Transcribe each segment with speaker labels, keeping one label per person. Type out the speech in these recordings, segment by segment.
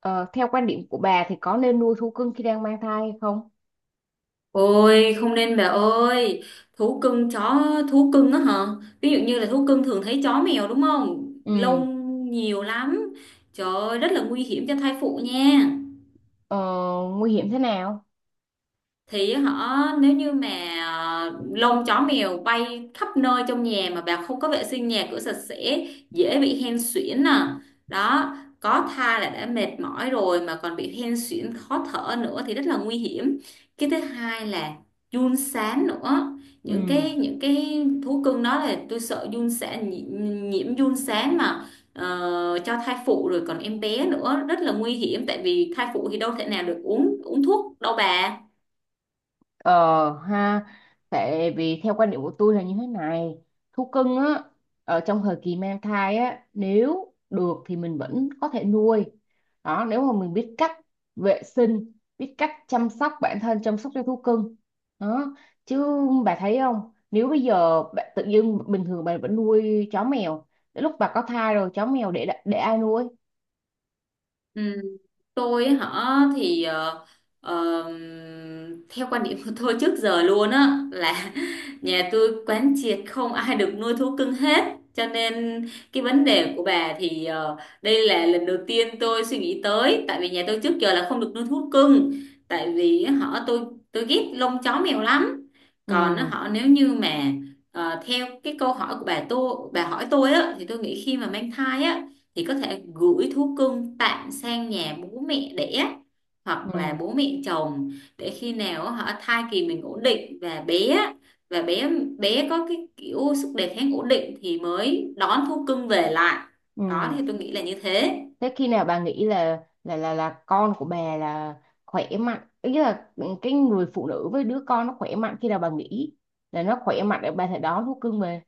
Speaker 1: Ờ, Theo quan điểm của bà thì có nên nuôi thú cưng khi đang mang thai hay không?
Speaker 2: Ôi, không nên bà ơi. Thú cưng, chó, thú cưng á hả? Ví dụ như là thú cưng thường thấy chó mèo đúng không?
Speaker 1: Ừ.
Speaker 2: Lông nhiều lắm. Trời ơi, rất là nguy hiểm cho thai phụ nha.
Speaker 1: ờ, Nguy hiểm thế nào?
Speaker 2: Thì họ nếu như mà lông chó mèo bay khắp nơi trong nhà mà bà không có vệ sinh nhà cửa sạch sẽ dễ bị hen suyễn nè. Đó, có thai là đã mệt mỏi rồi mà còn bị hen suyễn khó thở nữa thì rất là nguy hiểm. Cái thứ hai là giun sán nữa. những
Speaker 1: Ừ.
Speaker 2: cái những cái thú cưng đó là tôi sợ giun sán, nhiễm giun sán mà. Cho thai phụ rồi còn em bé nữa rất là nguy hiểm, tại vì thai phụ thì đâu thể nào được uống uống thuốc đâu bà.
Speaker 1: Ờ ha, Tại vì theo quan điểm của tôi là như thế này, thú cưng á, ở trong thời kỳ mang thai á, nếu được thì mình vẫn có thể nuôi. Đó, nếu mà mình biết cách vệ sinh, biết cách chăm sóc bản thân, chăm sóc cho thú cưng. Đó, chứ bà thấy không, nếu bây giờ bạn tự dưng bình thường bà vẫn nuôi chó mèo, đến lúc bà có thai rồi chó mèo để ai nuôi?
Speaker 2: Ừ, tôi ấy hả thì ờ, theo quan điểm của tôi trước giờ luôn á là nhà tôi quán triệt không ai được nuôi thú cưng hết. Cho nên cái vấn đề của bà thì đây là lần đầu tiên tôi suy nghĩ tới, tại vì nhà tôi trước giờ là không được nuôi thú cưng. Tại vì họ tôi ghét lông chó mèo lắm. Còn
Speaker 1: Ừ,
Speaker 2: họ nếu như mà theo cái câu hỏi của bà, tôi bà hỏi tôi á thì tôi nghĩ khi mà mang thai á thì có thể gửi thú cưng tạm sang nhà bố mẹ đẻ hoặc là
Speaker 1: ừ,
Speaker 2: bố mẹ chồng, để khi nào họ thai kỳ mình ổn định và bé và bé bé có cái kiểu sức đề kháng ổn định thì mới đón thú cưng về lại. Đó
Speaker 1: ừ.
Speaker 2: thì tôi nghĩ là như thế.
Speaker 1: Thế khi nào bà nghĩ là con của bà là khỏe mạnh, ý là cái người phụ nữ với đứa con nó khỏe mạnh, khi nào bà nghĩ là nó khỏe mạnh để bà thể đón thú cưng về?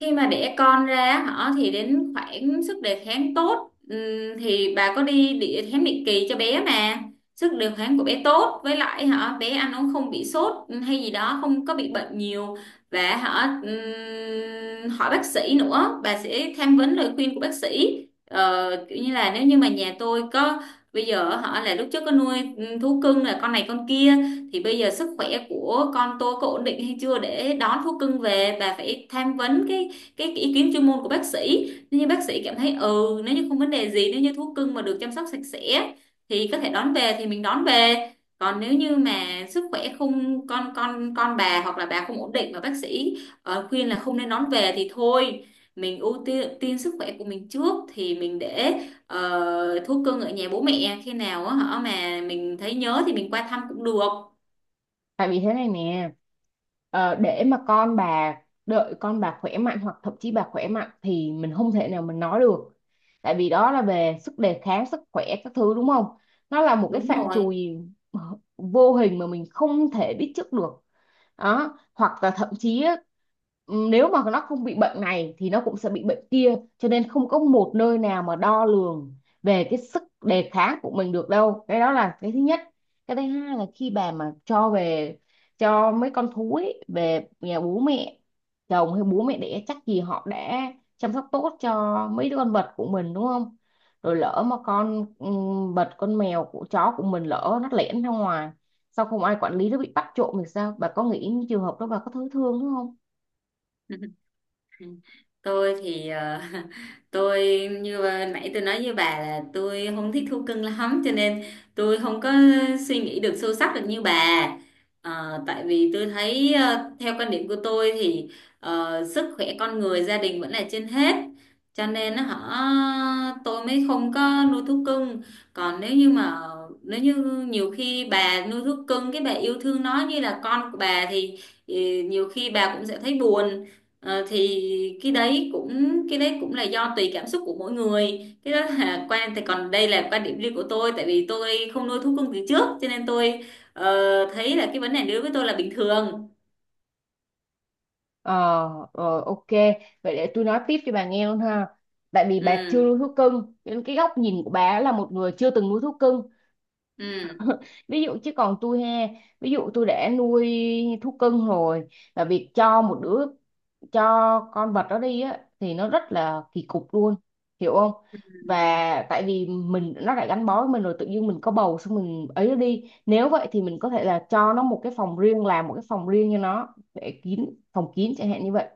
Speaker 2: Khi mà đẻ con ra họ thì đến khoảng sức đề kháng tốt, thì bà có đi đi khám định kỳ cho bé mà, sức đề kháng của bé tốt với lại họ bé ăn uống không bị sốt hay gì đó, không có bị bệnh nhiều và họ hỏi bác sĩ nữa, bà sẽ tham vấn lời khuyên của bác sĩ. Ờ, kiểu như là nếu như mà nhà tôi có bây giờ họ là lúc trước có nuôi thú cưng là con này con kia, thì bây giờ sức khỏe của con tôi có ổn định hay chưa để đón thú cưng về, bà phải tham vấn cái ý kiến chuyên môn của bác sĩ. Nếu như bác sĩ cảm thấy ừ nếu như không vấn đề gì, nếu như thú cưng mà được chăm sóc sạch sẽ thì có thể đón về thì mình đón về. Còn nếu như mà sức khỏe không con bà hoặc là bà không ổn định mà bác sĩ khuyên là không nên đón về thì thôi, mình ưu tiên sức khỏe của mình trước thì mình để thú cưng ở nhà bố mẹ, khi nào á hả mà mình thấy nhớ thì mình qua thăm cũng được.
Speaker 1: Tại vì thế này nè, để mà con bà đợi con bà khỏe mạnh, hoặc thậm chí bà khỏe mạnh thì mình không thể nào mình nói được. Tại vì đó là về sức đề kháng sức khỏe các thứ, đúng không? Nó là một cái
Speaker 2: Đúng
Speaker 1: phạm trù
Speaker 2: rồi.
Speaker 1: vô hình mà mình không thể biết trước được. Đó, hoặc là thậm chí á, nếu mà nó không bị bệnh này thì nó cũng sẽ bị bệnh kia, cho nên không có một nơi nào mà đo lường về cái sức đề kháng của mình được đâu. Cái đó là cái thứ nhất. Cái thứ hai là khi bà mà cho về, cho mấy con thú ấy về nhà bố mẹ chồng hay bố mẹ đẻ, chắc gì họ đã chăm sóc tốt cho mấy đứa con vật của mình, đúng không? Rồi lỡ mà con vật, con mèo của chó của mình lỡ nó lẻn ra ngoài, sao không ai quản lý, nó bị bắt trộm thì sao? Bà có nghĩ những trường hợp đó, bà có thấy thương đúng không?
Speaker 2: Ừ. Tôi thì tôi như vừa nãy tôi nói với bà là tôi không thích thú cưng lắm, cho nên tôi không có suy nghĩ được sâu sắc được như bà. Ờ, tại vì tôi thấy theo quan điểm của tôi thì sức khỏe con người, gia đình vẫn là trên hết, cho nên nó họ tôi mới không có nuôi thú cưng. Còn nếu như mà nếu như nhiều khi bà nuôi thú cưng cái bà yêu thương nó như là con của bà thì ừ, nhiều khi bà cũng sẽ thấy buồn. Ờ, thì cái đấy cũng là do tùy cảm xúc của mỗi người. Cái đó là quan, thì còn đây là quan điểm riêng của tôi, tại vì tôi không nuôi thú cưng từ trước cho nên tôi ờ, thấy là cái vấn đề này đối với tôi là bình thường.
Speaker 1: ờ Rồi, ok, vậy để tôi nói tiếp cho bà nghe luôn ha. Tại vì bà chưa
Speaker 2: Ừ.
Speaker 1: nuôi thú cưng nên cái góc nhìn của bà là một người chưa từng nuôi thú cưng,
Speaker 2: Ừ.
Speaker 1: ví dụ. Chứ còn tôi he, ví dụ tôi đã nuôi thú cưng rồi, và việc cho một đứa cho con vật đó đi á thì nó rất là kỳ cục luôn, hiểu không?
Speaker 2: Ừ.
Speaker 1: Và tại vì mình nó đã gắn bó với mình rồi, tự nhiên mình có bầu xong mình ấy nó đi, nếu vậy thì mình có thể là cho nó một cái phòng riêng, làm một cái phòng riêng cho nó để kín, phòng kín chẳng hạn như vậy.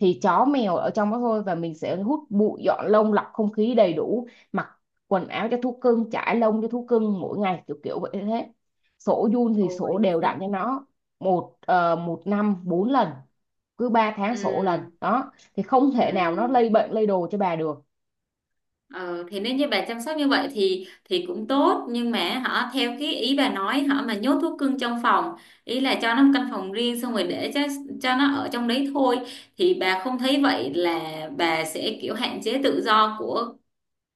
Speaker 1: Thì chó mèo ở trong đó thôi, và mình sẽ hút bụi, dọn lông, lọc không khí đầy đủ, mặc quần áo cho thú cưng, chải lông cho thú cưng mỗi ngày, kiểu kiểu vậy thế. Sổ giun thì
Speaker 2: Ôi.
Speaker 1: sổ đều đặn cho nó một năm bốn lần, cứ 3 tháng sổ lần
Speaker 2: Ừ.
Speaker 1: đó thì không
Speaker 2: Ừ.
Speaker 1: thể nào nó lây bệnh lây đồ cho bà được.
Speaker 2: Ờ, thì nếu như bà chăm sóc như vậy thì cũng tốt, nhưng mà họ theo cái ý bà nói, họ mà nhốt thú cưng trong phòng, ý là cho nó một căn phòng riêng xong rồi để cho nó ở trong đấy thôi, thì bà không thấy vậy là bà sẽ kiểu hạn chế tự do của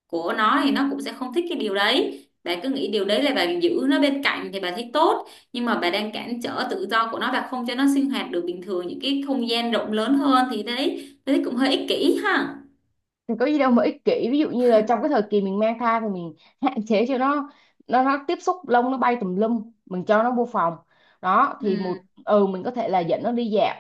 Speaker 2: nó, thì nó cũng sẽ không thích cái điều đấy. Bà cứ nghĩ điều đấy là bà giữ nó bên cạnh thì bà thấy tốt, nhưng mà bà đang cản trở tự do của nó, bà không cho nó sinh hoạt được bình thường những cái không gian rộng lớn hơn, thì đấy đấy cũng hơi ích kỷ ha.
Speaker 1: Thì có gì đâu mà ích kỷ, ví dụ như là trong cái thời kỳ mình mang thai thì mình hạn chế cho nó tiếp xúc lông, nó bay tùm lum, mình cho nó vô phòng đó thì một
Speaker 2: Ừ.
Speaker 1: ừ mình có thể là dẫn nó đi dạo.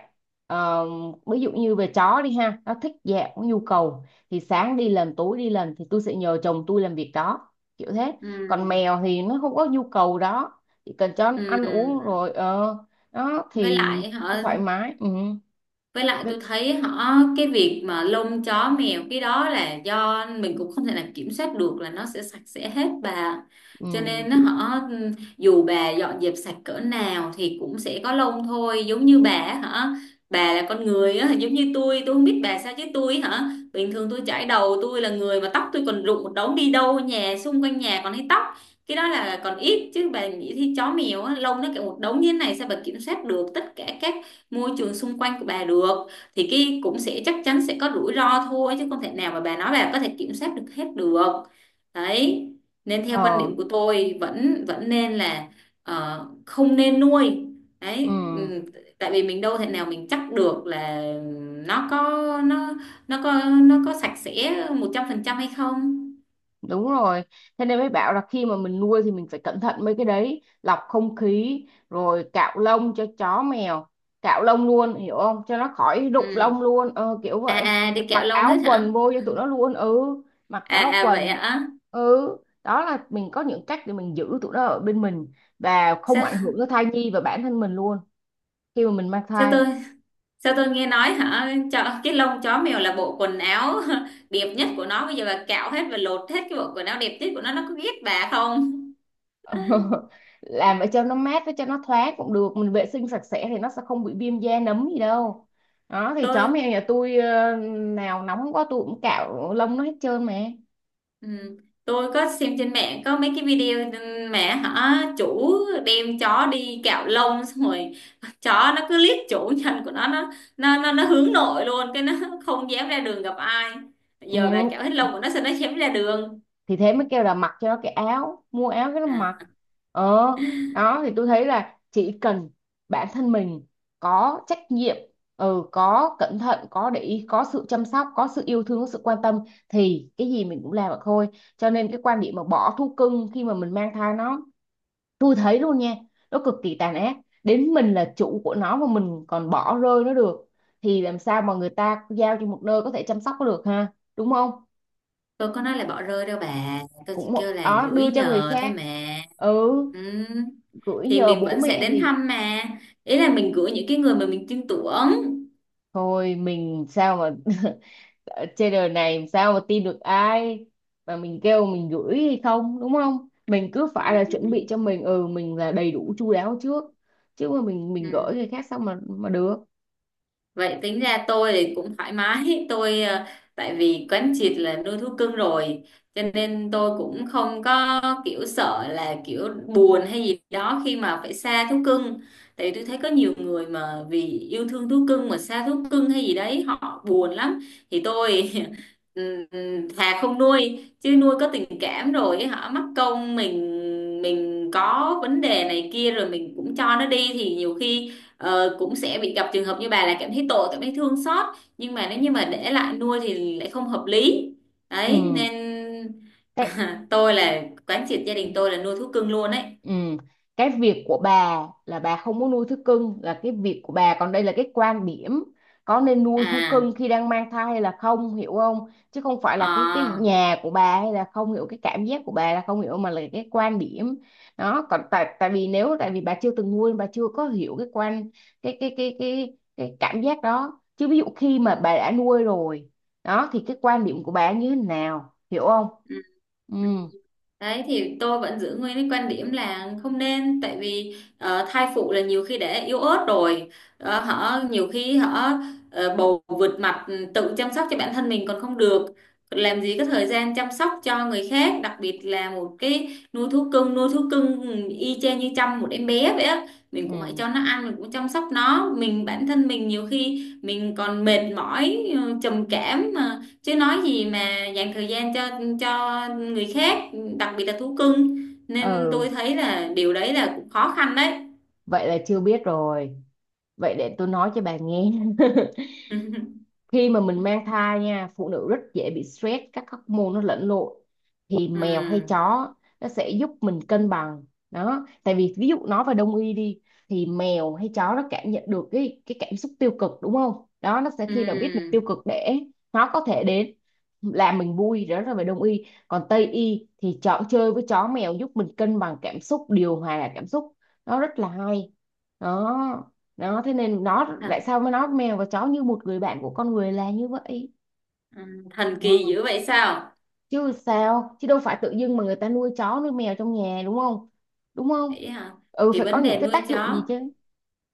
Speaker 1: Ờ, Ví dụ như về chó đi ha, nó thích dạo có nhu cầu thì sáng đi lần, tối đi lần, thì tôi sẽ nhờ chồng tôi làm việc đó, kiểu thế. Còn
Speaker 2: Ừ.
Speaker 1: mèo thì nó không có nhu cầu đó, chỉ cần cho nó ăn uống
Speaker 2: Ừ,
Speaker 1: rồi, đó
Speaker 2: với
Speaker 1: thì
Speaker 2: lại họ
Speaker 1: nó thoải mái. Ừ.
Speaker 2: với lại
Speaker 1: Rất-
Speaker 2: tôi thấy họ cái việc mà lông chó mèo cái đó là do mình cũng không thể nào kiểm soát được là nó sẽ sạch sẽ hết bà. Cho
Speaker 1: ừ.
Speaker 2: nên nó họ dù bà dọn dẹp sạch cỡ nào thì cũng sẽ có lông thôi, giống như bà á, hả. Bà là con người á giống như tôi. Tôi không biết bà sao chứ tôi hả bình thường tôi chải đầu, tôi là người mà tóc tôi còn rụng một đống, đi đâu nhà xung quanh nhà còn thấy tóc. Cái đó là còn ít chứ bà nghĩ thì chó mèo á, lông nó cả một đống như thế này, sao bà kiểm soát được tất cả các môi trường xung quanh của bà được. Thì cái cũng sẽ chắc chắn sẽ có rủi ro thôi, chứ không thể nào mà bà nói bà có thể kiểm soát được hết được. Đấy, nên theo quan
Speaker 1: ờ
Speaker 2: điểm của tôi vẫn vẫn nên là không nên nuôi
Speaker 1: ừ.
Speaker 2: đấy. Ừ, tại vì mình đâu thể nào mình chắc được là nó nó có sạch sẽ 100% hay không.
Speaker 1: Đúng rồi. Thế nên mới bảo là khi mà mình nuôi thì mình phải cẩn thận mấy cái đấy, lọc không khí, rồi cạo lông cho chó mèo, cạo lông luôn, hiểu không? Cho nó khỏi rụng
Speaker 2: Ừ.
Speaker 1: lông luôn, kiểu
Speaker 2: À,
Speaker 1: vậy.
Speaker 2: à, đi kẹo
Speaker 1: Mặc
Speaker 2: lông
Speaker 1: áo
Speaker 2: hết hả?
Speaker 1: quần vô cho tụi nó luôn, ừ, mặc
Speaker 2: À,
Speaker 1: áo
Speaker 2: à, vậy
Speaker 1: quần.
Speaker 2: hả?
Speaker 1: Ừ, đó là mình có những cách để mình giữ tụi nó ở bên mình và không ảnh
Speaker 2: Sao
Speaker 1: hưởng tới thai nhi và bản thân mình luôn khi mà mình mang
Speaker 2: sao
Speaker 1: thai.
Speaker 2: tôi Sao tôi nghe nói hả? Cho cái lông chó mèo là bộ quần áo đẹp nhất của nó. Bây giờ bà cạo hết và lột hết cái bộ quần áo đẹp nhất của nó. Nó có ghét bà không?
Speaker 1: Làm ở cho nó mát với cho nó thoáng cũng được, mình vệ sinh sạch sẽ thì nó sẽ không bị viêm da nấm gì đâu. Đó thì chó
Speaker 2: Tôi,
Speaker 1: mèo nhà tôi, nào nóng quá tôi cũng cạo lông nó hết trơn mà.
Speaker 2: ừ, tôi có xem trên mạng có mấy cái video, mẹ hả? Chủ đem chó đi cạo lông xong rồi, chó nó cứ liếc chủ nhân của nó, nó hướng nội luôn, cái nó không dám ra đường gặp ai. Giờ bà
Speaker 1: Ừ,
Speaker 2: cạo hết lông của nó sao nó dám ra đường?
Speaker 1: thì thế mới kêu là mặc cho nó cái áo, mua áo cái nó mặc.
Speaker 2: À.
Speaker 1: ờ Đó thì tôi thấy là chỉ cần bản thân mình có trách nhiệm, ừ, có cẩn thận, có để ý, có sự chăm sóc, có sự yêu thương, có sự quan tâm thì cái gì mình cũng làm được thôi. Cho nên cái quan điểm mà bỏ thú cưng khi mà mình mang thai, nó tôi thấy luôn nha, nó cực kỳ tàn ác. Đến mình là chủ của nó mà mình còn bỏ rơi nó được thì làm sao mà người ta giao cho một nơi có thể chăm sóc nó được ha, đúng không?
Speaker 2: Tôi có nói là bỏ rơi đâu bà. Tôi
Speaker 1: Cũng
Speaker 2: chỉ kêu
Speaker 1: một
Speaker 2: là
Speaker 1: đó,
Speaker 2: gửi
Speaker 1: đưa cho người
Speaker 2: nhờ thôi
Speaker 1: khác.
Speaker 2: mà.
Speaker 1: Ừ,
Speaker 2: Ừ.
Speaker 1: gửi
Speaker 2: Thì
Speaker 1: nhờ
Speaker 2: mình
Speaker 1: bố
Speaker 2: vẫn sẽ
Speaker 1: mẹ
Speaker 2: đến
Speaker 1: thì
Speaker 2: thăm mà. Ý là mình gửi những cái người mà mình tin tưởng.
Speaker 1: thôi, mình sao mà ở trên đời này làm sao mà tin được ai mà mình kêu mình gửi hay không, đúng không? Mình cứ
Speaker 2: Ừ.
Speaker 1: phải là chuẩn bị cho mình là đầy đủ chu đáo trước, chứ mà mình gửi
Speaker 2: Ừ.
Speaker 1: người khác sao mà được.
Speaker 2: Vậy tính ra tôi thì cũng thoải mái, tôi tại vì quán triệt là nuôi thú cưng rồi, cho nên tôi cũng không có kiểu sợ là kiểu buồn hay gì đó khi mà phải xa thú cưng, tại vì tôi thấy có nhiều người mà vì yêu thương thú cưng mà xa thú cưng hay gì đấy họ buồn lắm. Thì tôi ừm, thà không nuôi, chứ nuôi có tình cảm rồi họ mắc công mình có vấn đề này kia rồi mình cũng cho nó đi thì nhiều khi, Ờ, cũng sẽ bị gặp trường hợp như bà là cảm thấy tội, cảm thấy thương xót, nhưng mà nếu như mà để lại nuôi thì lại không hợp lý đấy
Speaker 1: Ừ.
Speaker 2: nên.
Speaker 1: Thế-
Speaker 2: À, tôi là quán triệt gia đình tôi là nuôi thú cưng luôn đấy.
Speaker 1: Ừ. Cái việc của bà là bà không muốn nuôi thú cưng là cái việc của bà, còn đây là cái quan điểm có nên nuôi thú
Speaker 2: À.
Speaker 1: cưng khi đang mang thai hay là không, hiểu không? Chứ không phải là cái
Speaker 2: Ờ.
Speaker 1: nhà của bà hay là không hiểu cái cảm giác của bà là không hiểu, mà là cái quan điểm. Đó, còn tại tại vì nếu tại vì bà chưa từng nuôi, bà chưa có hiểu cái quan cái cảm giác đó, chứ ví dụ khi
Speaker 2: Ừ.
Speaker 1: mà bà đã nuôi rồi đó thì cái quan điểm của bà như thế nào, hiểu không?
Speaker 2: Ừ.
Speaker 1: Ừ,
Speaker 2: Ừ. Đấy thì tôi vẫn giữ nguyên cái quan điểm là không nên, tại vì thai phụ là nhiều khi đã yếu ớt rồi. Ờ, họ nhiều khi họ bầu vượt mặt, ừ, tự chăm sóc cho bản thân mình còn không được, làm gì có thời gian chăm sóc cho người khác, đặc biệt là một cái nuôi thú cưng. Ừ, y chang như chăm một em bé vậy á, mình cũng phải
Speaker 1: ừ,
Speaker 2: cho nó ăn, mình cũng chăm sóc nó, mình bản thân mình nhiều khi mình còn mệt mỏi, trầm cảm, chứ nói gì mà dành thời gian cho người khác, đặc biệt là thú cưng, nên
Speaker 1: ừ.
Speaker 2: tôi thấy là điều đấy là cũng khó khăn đấy.
Speaker 1: Vậy là chưa biết rồi. Vậy để tôi nói cho bà nghe. Khi mà mình mang thai nha, phụ nữ rất dễ bị stress, các hormone nó lẫn lộn. Thì
Speaker 2: Ừ.
Speaker 1: mèo hay chó nó sẽ giúp mình cân bằng. Đó, tại vì ví dụ nói về đông y đi, thì mèo hay chó nó cảm nhận được cái cảm xúc tiêu cực, đúng không? Đó, nó sẽ
Speaker 2: Ừ.
Speaker 1: khi nào biết mình tiêu cực để nó có thể đến làm mình vui, đó là về đông y. Còn tây y thì chọn chơi với chó mèo giúp mình cân bằng cảm xúc, điều hòa cảm xúc. Nó rất là hay. Đó, đó thế nên nó
Speaker 2: thật-
Speaker 1: tại sao mà nó mèo và chó như một người bạn của con người là như vậy.
Speaker 2: ừ, thần
Speaker 1: Ờ,
Speaker 2: kỳ dữ vậy sao?
Speaker 1: Chứ sao, chứ đâu phải tự dưng mà người ta nuôi chó nuôi mèo trong nhà đúng không, đúng không?
Speaker 2: Vậy hả?
Speaker 1: Ừ,
Speaker 2: Thì
Speaker 1: phải có
Speaker 2: vấn
Speaker 1: những
Speaker 2: đề
Speaker 1: cái
Speaker 2: nuôi
Speaker 1: tác dụng gì
Speaker 2: chó,
Speaker 1: chứ.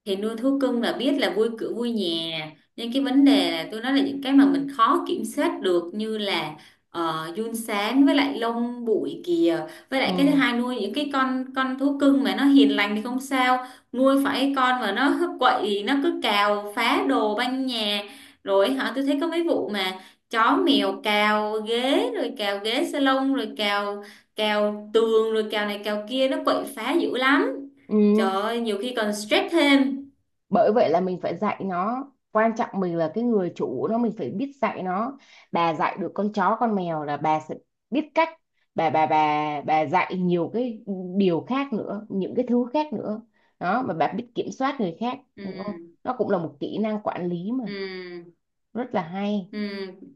Speaker 2: thì nuôi thú cưng là biết là vui cửa vui nhà, nhưng cái vấn đề là tôi nói là những cái mà mình khó kiểm soát được như là giun sán, với lại lông bụi kìa, với lại cái thứ
Speaker 1: Ừ,
Speaker 2: hai, nuôi những cái con thú cưng mà nó hiền lành thì không sao. Nuôi phải cái con mà nó cứ quậy, nó cứ cào phá đồ banh nhà rồi hả. Tôi thấy có mấy vụ mà chó mèo cào ghế rồi cào ghế salon rồi cào cào tường rồi cào này cào kia, nó quậy phá dữ lắm.
Speaker 1: ừ.
Speaker 2: Trời ơi, nhiều khi còn stress thêm.
Speaker 1: Bởi vậy là mình phải dạy nó, quan trọng mình là cái người chủ nó, mình phải biết dạy nó. Bà dạy được con chó con mèo là bà sẽ biết cách, bà dạy nhiều cái điều khác nữa, những cái thứ khác nữa. Đó, mà bà biết kiểm soát người khác,
Speaker 2: Ừ.
Speaker 1: hiểu không, nó cũng là một kỹ năng quản lý mà,
Speaker 2: Ừ.
Speaker 1: rất là hay.
Speaker 2: Ừ.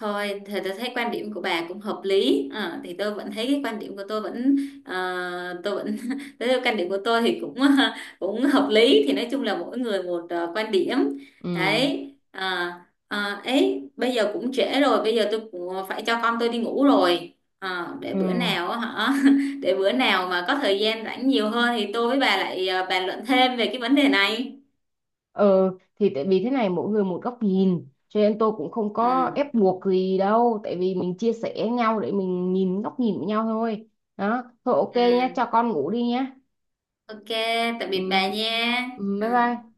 Speaker 2: Thôi thì tôi thấy quan điểm của bà cũng hợp lý. Ờ, thì tôi vẫn thấy cái quan điểm của tôi vẫn, tôi vẫn tôi thấy quan điểm của tôi thì cũng cũng hợp lý. Thì nói chung là mỗi người một quan điểm
Speaker 1: Ừ,
Speaker 2: đấy. À, ấy bây giờ cũng trễ rồi, bây giờ tôi cũng phải cho con tôi đi ngủ rồi. Ờ, để bữa
Speaker 1: ừ.
Speaker 2: nào á hả, để bữa nào mà có thời gian rảnh nhiều hơn thì tôi với bà lại bàn luận thêm về cái vấn đề này.
Speaker 1: Ờ thì tại vì thế này, mỗi người một góc nhìn cho nên tôi cũng không có
Speaker 2: Ừ.
Speaker 1: ép buộc gì đâu, tại vì mình chia sẻ nhau để mình nhìn góc nhìn của nhau thôi. Đó thôi, ok
Speaker 2: Ừ.
Speaker 1: nhá, cho con ngủ đi nhá.
Speaker 2: Ok, tạm
Speaker 1: Ừ,
Speaker 2: biệt bà nha.
Speaker 1: ừ,
Speaker 2: Ừ.
Speaker 1: bye bye.